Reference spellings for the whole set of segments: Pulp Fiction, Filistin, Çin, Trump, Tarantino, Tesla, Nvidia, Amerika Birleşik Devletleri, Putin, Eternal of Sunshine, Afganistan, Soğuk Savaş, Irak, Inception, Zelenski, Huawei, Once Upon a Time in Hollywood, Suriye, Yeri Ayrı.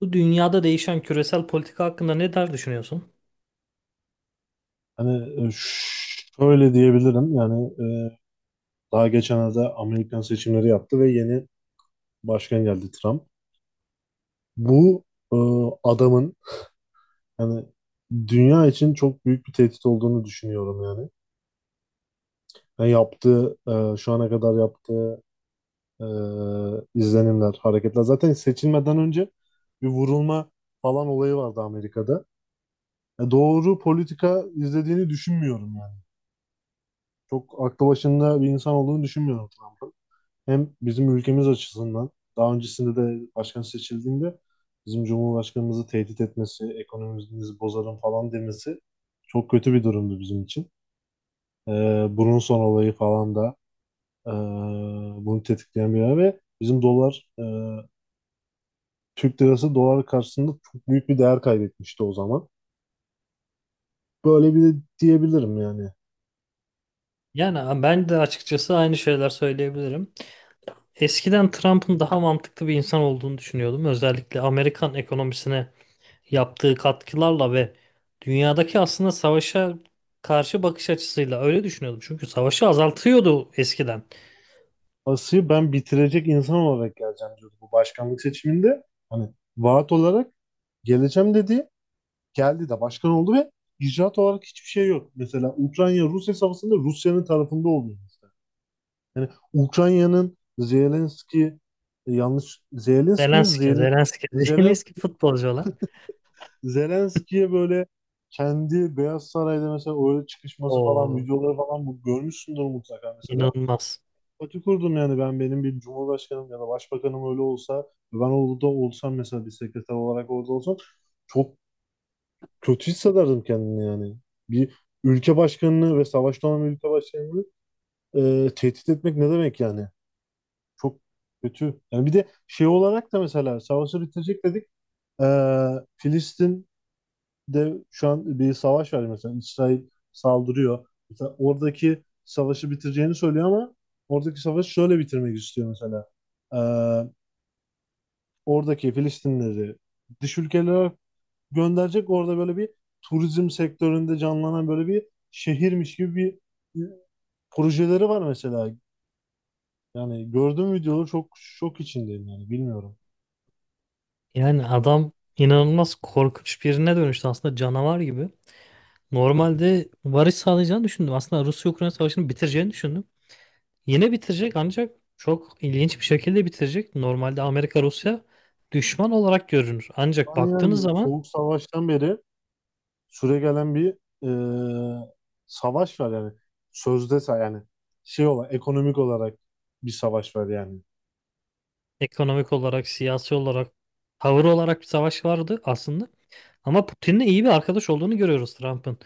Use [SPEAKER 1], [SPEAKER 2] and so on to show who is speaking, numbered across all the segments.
[SPEAKER 1] Bu dünyada değişen küresel politika hakkında ne der düşünüyorsun?
[SPEAKER 2] Hani, şöyle diyebilirim yani, daha geçenlerde Amerikan seçimleri yaptı ve yeni başkan geldi Trump. Bu e, adamın hani dünya için çok büyük bir tehdit olduğunu düşünüyorum yani. Yani yaptığı şu ana kadar yaptığı e, izlenimler, hareketler zaten seçilmeden önce bir vurulma falan olayı vardı Amerika'da. Doğru politika izlediğini düşünmüyorum yani. Çok aklı başında bir insan olduğunu düşünmüyorum Trump'ın. Hem bizim ülkemiz açısından daha öncesinde de başkan seçildiğinde bizim Cumhurbaşkanımızı tehdit etmesi, ekonomimizi bozarım falan demesi çok kötü bir durumdu bizim için. Bunun son olayı falan da e, bunu tetikleyen bir yer ve bizim dolar, Türk lirası dolar karşısında çok büyük bir değer kaybetmişti o zaman. Böyle bir de diyebilirim yani.
[SPEAKER 1] Yani ben de açıkçası aynı şeyler söyleyebilirim. Eskiden Trump'ın daha mantıklı bir insan olduğunu düşünüyordum. Özellikle Amerikan ekonomisine yaptığı katkılarla ve dünyadaki aslında savaşa karşı bakış açısıyla öyle düşünüyordum. Çünkü savaşı azaltıyordu eskiden.
[SPEAKER 2] Asıyı ben bitirecek insan olarak geleceğim diyordu bu başkanlık seçiminde. Hani vaat olarak geleceğim dedi, geldi de başkan oldu ve icraat olarak hiçbir şey yok. Mesela Ukrayna-Rusya savaşında Rusya'nın tarafında oluyor mesela. Yani Ukrayna'nın Zelenski, yanlış Zelenski mi?
[SPEAKER 1] Zelenski, Zelenski,
[SPEAKER 2] Zelen,
[SPEAKER 1] Zelenski futbolcu olan.
[SPEAKER 2] Zelenski'ye böyle kendi Beyaz Saray'da mesela öyle çıkışması falan
[SPEAKER 1] O
[SPEAKER 2] videoları falan bu görmüşsündür mutlaka mesela.
[SPEAKER 1] inanılmaz.
[SPEAKER 2] Pati kurdum yani, ben, benim bir cumhurbaşkanım ya da başbakanım öyle olsa, ben orada olsam mesela, bir sekreter olarak orada olsam çok kötü hissederdim kendini yani. Bir ülke başkanını ve savaşta olan bir ülke başkanını tehdit etmek ne demek yani? Çok kötü. Yani bir de şey olarak da mesela savaşı bitirecek dedik. E, Filistin'de şu an bir savaş var mesela. İsrail saldırıyor. Mesela oradaki savaşı bitireceğini söylüyor ama oradaki savaşı şöyle bitirmek istiyor mesela. E, Oradaki Filistinleri dış ülkelere gönderecek. Orada böyle bir turizm sektöründe canlanan böyle bir şehirmiş gibi bir e, projeleri var mesela. Yani gördüğüm videoları çok şok içindeyim yani bilmiyorum.
[SPEAKER 1] Yani adam inanılmaz korkunç birine dönüştü aslında canavar gibi. Normalde varış sağlayacağını düşündüm. Aslında Rusya-Ukrayna savaşını bitireceğini düşündüm. Yine bitirecek ancak çok ilginç bir şekilde bitirecek. Normalde Amerika-Rusya düşman olarak görünür. Ancak baktığınız
[SPEAKER 2] Yani
[SPEAKER 1] zaman
[SPEAKER 2] Soğuk Savaş'tan beri süregelen bir e, savaş var yani. Sözde yani şey olarak ekonomik olarak bir savaş var yani.
[SPEAKER 1] ekonomik olarak, siyasi olarak, tavır olarak bir savaş vardı aslında. Ama Putin'le iyi bir arkadaş olduğunu görüyoruz Trump'ın.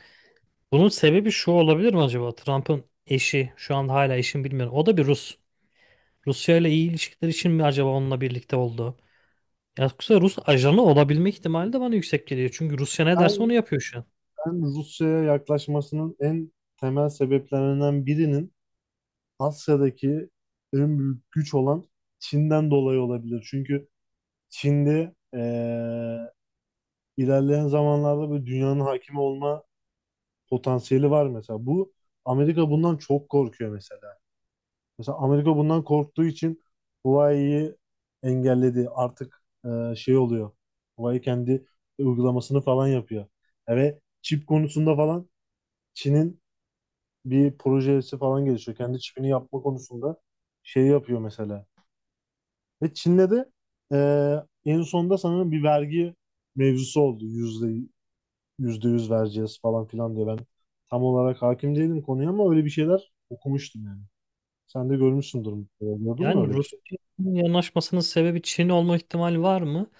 [SPEAKER 1] Bunun sebebi şu olabilir mi acaba? Trump'ın eşi, şu an hala eşim bilmiyorum. O da bir Rus. Rusya ile iyi ilişkiler için mi acaba onunla birlikte oldu? Ya yoksa Rus ajanı olabilme ihtimali de bana yüksek geliyor. Çünkü Rusya ne derse onu
[SPEAKER 2] Ben,
[SPEAKER 1] yapıyor şu an.
[SPEAKER 2] ben Rusya'ya yaklaşmasının en temel sebeplerinden birinin Asya'daki en büyük güç olan Çin'den dolayı olabilir. Çünkü Çin'de ilerleyen zamanlarda böyle dünyanın hakimi olma potansiyeli var mesela. Bu Amerika bundan çok korkuyor mesela. Mesela Amerika bundan korktuğu için Huawei'yi engelledi. Artık şey oluyor. Huawei kendi uygulamasını falan yapıyor. Ve çip konusunda falan Çin'in bir projesi falan gelişiyor. Kendi çipini yapma konusunda şey yapıyor mesela. Ve Çin'de de en sonunda sanırım bir vergi mevzusu oldu. %100 vereceğiz falan filan diye. Ben tam olarak hakim değilim konuya ama öyle bir şeyler okumuştum yani. Sen de görmüşsündür. Mutlaka. Gördün mü
[SPEAKER 1] Yani
[SPEAKER 2] öyle bir şey?
[SPEAKER 1] Rusya'nın yanaşmasının sebebi Çin olma ihtimali var mı?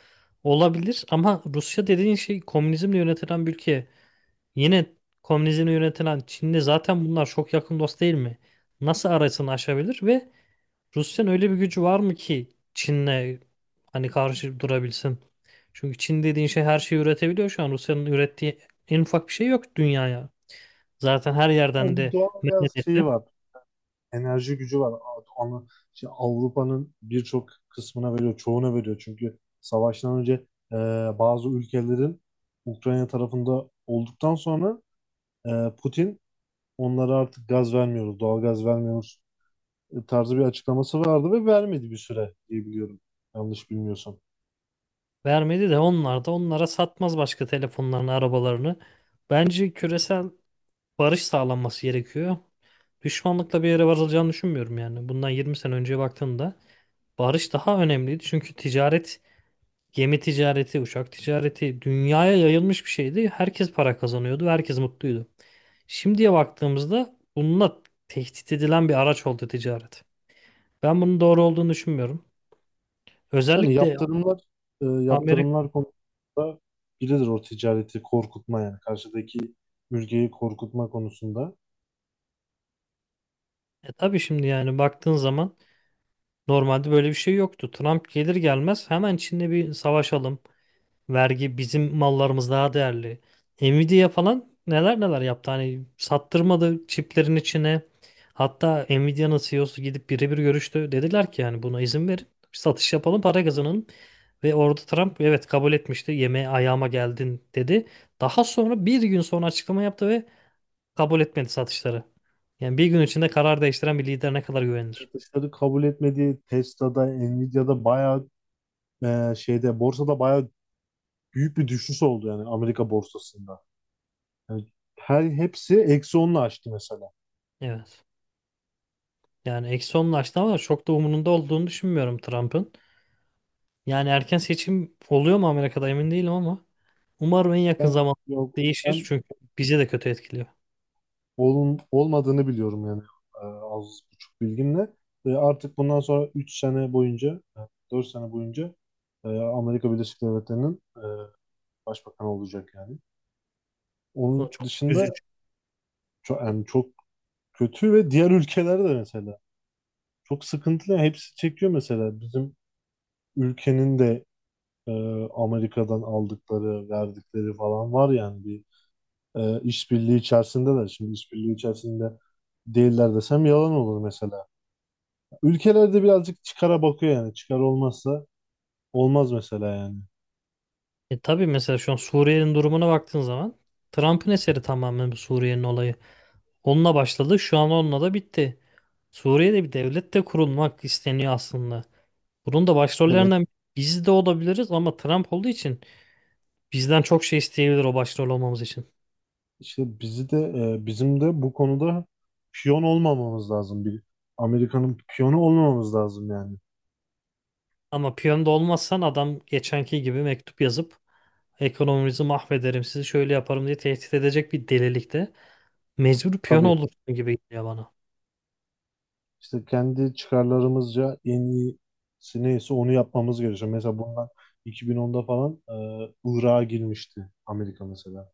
[SPEAKER 1] Olabilir ama Rusya dediğin şey komünizmle yönetilen bir ülke. Yine komünizmle yönetilen Çin'de zaten bunlar çok yakın dost değil mi? Nasıl arasını aşabilir ve Rusya'nın öyle bir gücü var mı ki Çin'le hani karşı durabilsin? Çünkü Çin dediğin şey her şeyi üretebiliyor şu an. Rusya'nın ürettiği en ufak bir şey yok dünyaya. Zaten her
[SPEAKER 2] Yani
[SPEAKER 1] yerden
[SPEAKER 2] bir
[SPEAKER 1] de
[SPEAKER 2] doğal
[SPEAKER 1] men
[SPEAKER 2] gaz şeyi
[SPEAKER 1] edildi.
[SPEAKER 2] var. Enerji gücü var. Şey, Avrupa'nın birçok kısmına veriyor. Çoğuna veriyor. Çünkü savaştan önce eee, bazı ülkelerin Ukrayna tarafında olduktan sonra Putin onlara artık gaz vermiyoruz, doğal gaz vermiyoruz tarzı bir açıklaması vardı ve vermedi bir süre diye biliyorum. Yanlış bilmiyorsam.
[SPEAKER 1] Vermedi de onlar da onlara satmaz başka telefonlarını, arabalarını. Bence küresel barış sağlanması gerekiyor. Düşmanlıkla bir yere varılacağını düşünmüyorum yani. Bundan 20 sene önceye baktığımda barış daha önemliydi. Çünkü ticaret, gemi ticareti, uçak ticareti dünyaya yayılmış bir şeydi. Herkes para kazanıyordu, ve herkes mutluydu. Şimdiye baktığımızda bununla tehdit edilen bir araç oldu ticaret. Ben bunun doğru olduğunu düşünmüyorum.
[SPEAKER 2] Yani
[SPEAKER 1] Özellikle Amerika.
[SPEAKER 2] yaptırımlar konusunda biridir o ticareti korkutma yani karşıdaki mülkiyi korkutma konusunda.
[SPEAKER 1] E tabii şimdi yani baktığın zaman normalde böyle bir şey yoktu. Trump gelir gelmez hemen Çin'le bir savaşalım. Vergi bizim mallarımız daha değerli. Nvidia falan neler neler yaptı. Hani sattırmadı çiplerin içine. Hatta Nvidia'nın CEO'su gidip birebir görüştü. Dediler ki yani buna izin verin. Satış yapalım para kazanalım. Ve orada Trump evet kabul etmişti. Yemeğe ayağıma geldin dedi. Daha sonra bir gün sonra açıklama yaptı ve kabul etmedi satışları. Yani bir gün içinde karar değiştiren bir lider ne kadar güvenilir?
[SPEAKER 2] Satışları kabul etmediği Tesla'da, Nvidia'da bayağı şeyde borsada bayağı büyük bir düşüş oldu yani Amerika borsasında. Yani her hepsi -10'la açtı mesela.
[SPEAKER 1] Evet. Yani eksi onlaştı ama çok da umurunda olduğunu düşünmüyorum Trump'ın. Yani erken seçim oluyor mu Amerika'da emin değilim ama umarım en yakın
[SPEAKER 2] Ben
[SPEAKER 1] zamanda
[SPEAKER 2] yok
[SPEAKER 1] değişir
[SPEAKER 2] ben
[SPEAKER 1] çünkü bizi de kötü etkiliyor.
[SPEAKER 2] olun, olmadığını biliyorum yani, az buçuk bilgimle. Ve artık bundan sonra 3 sene boyunca, 4 sene boyunca Amerika Birleşik Devletleri'nin başbakanı olacak yani.
[SPEAKER 1] O
[SPEAKER 2] Onun
[SPEAKER 1] çok
[SPEAKER 2] dışında
[SPEAKER 1] üzücü.
[SPEAKER 2] çok, yani çok kötü ve diğer ülkelerde de mesela çok sıkıntılı. Hepsi çekiyor mesela bizim ülkenin de e, Amerika'dan aldıkları, verdikleri falan var yani bir işbirliği içerisindeler. Şimdi işbirliği içerisinde değiller desem yalan olur mesela. Ülkelerde birazcık çıkara bakıyor yani. Çıkar olmazsa olmaz mesela yani.
[SPEAKER 1] E tabii mesela şu an Suriye'nin durumuna baktığın zaman Trump'ın eseri tamamen bu Suriye'nin olayı. Onunla başladı, şu an onunla da bitti. Suriye'de bir devlet de kurulmak isteniyor aslında. Bunun da
[SPEAKER 2] Evet,
[SPEAKER 1] başrollerinden biz de olabiliriz ama Trump olduğu için bizden çok şey isteyebilir o başrol olmamız için.
[SPEAKER 2] işte bizi de bizim de bu konuda piyon olmamamız lazım. Bir Amerika'nın piyonu olmamamız lazım yani.
[SPEAKER 1] Ama piyonda olmazsan adam geçenki gibi mektup yazıp ekonomimizi mahvederim sizi şöyle yaparım diye tehdit edecek bir delilikte mecbur piyon
[SPEAKER 2] Tabii
[SPEAKER 1] olursun gibi geliyor bana.
[SPEAKER 2] işte kendi çıkarlarımızca en iyisi neyse onu yapmamız gerekiyor. Mesela bundan 2010'da falan Irak'a girmişti Amerika mesela.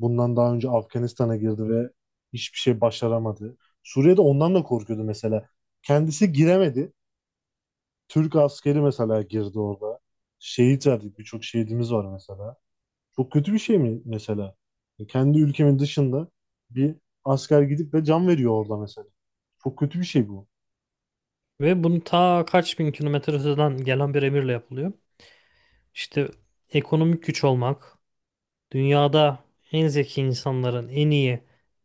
[SPEAKER 2] Bundan daha önce Afganistan'a girdi ve hiçbir şey başaramadı. Suriye'de ondan da korkuyordu mesela. Kendisi giremedi. Türk askeri mesela girdi orada. Şehit verdik. Birçok şehidimiz var mesela. Çok kötü bir şey mi mesela? Kendi ülkemin dışında bir asker gidip de can veriyor orada mesela. Çok kötü bir şey bu.
[SPEAKER 1] Ve bunu ta kaç bin kilometre öteden gelen bir emirle yapılıyor. İşte ekonomik güç olmak, dünyada en zeki insanların, en iyi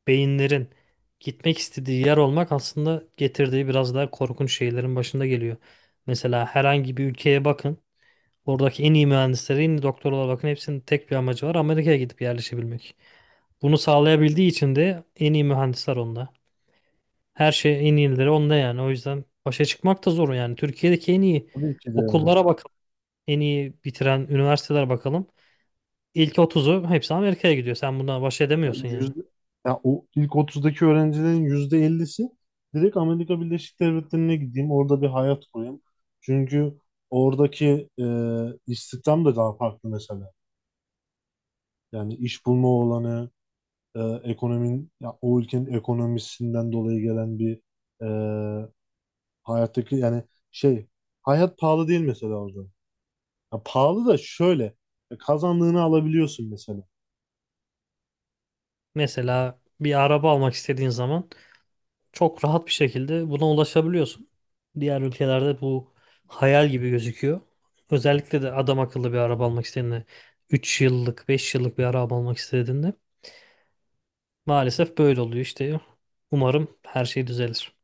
[SPEAKER 1] beyinlerin gitmek istediği yer olmak aslında getirdiği biraz daha korkunç şeylerin başında geliyor. Mesela herhangi bir ülkeye bakın. Oradaki en iyi mühendislere, en iyi doktorlara bakın. Hepsinin tek bir amacı var. Amerika'ya gidip yerleşebilmek. Bunu sağlayabildiği için de en iyi mühendisler onda. Her şey en iyileri onda yani. O yüzden başa çıkmak da zor yani. Türkiye'deki en iyi
[SPEAKER 2] Tabii ki de yani.
[SPEAKER 1] okullara bakalım. En iyi bitiren üniversiteler bakalım. İlk 30'u hepsi Amerika'ya gidiyor. Sen bundan baş edemiyorsun
[SPEAKER 2] Yani
[SPEAKER 1] yani.
[SPEAKER 2] ya o ilk 30'daki öğrencilerin %50'si direkt Amerika Birleşik Devletleri'ne gideyim. Orada bir hayat kurayım. Çünkü oradaki istihdam da daha farklı mesela. Yani iş bulma olanı, ekonominin ya o ülkenin ekonomisinden dolayı gelen bir e, hayattaki yani şey hayat pahalı değil mesela orada. Ya pahalı da şöyle kazandığını alabiliyorsun mesela.
[SPEAKER 1] Mesela bir araba almak istediğin zaman çok rahat bir şekilde buna ulaşabiliyorsun. Diğer ülkelerde bu hayal gibi gözüküyor. Özellikle de adam akıllı bir araba almak istediğinde 3 yıllık, 5 yıllık bir araba almak istediğinde maalesef böyle oluyor işte. Umarım her şey düzelir.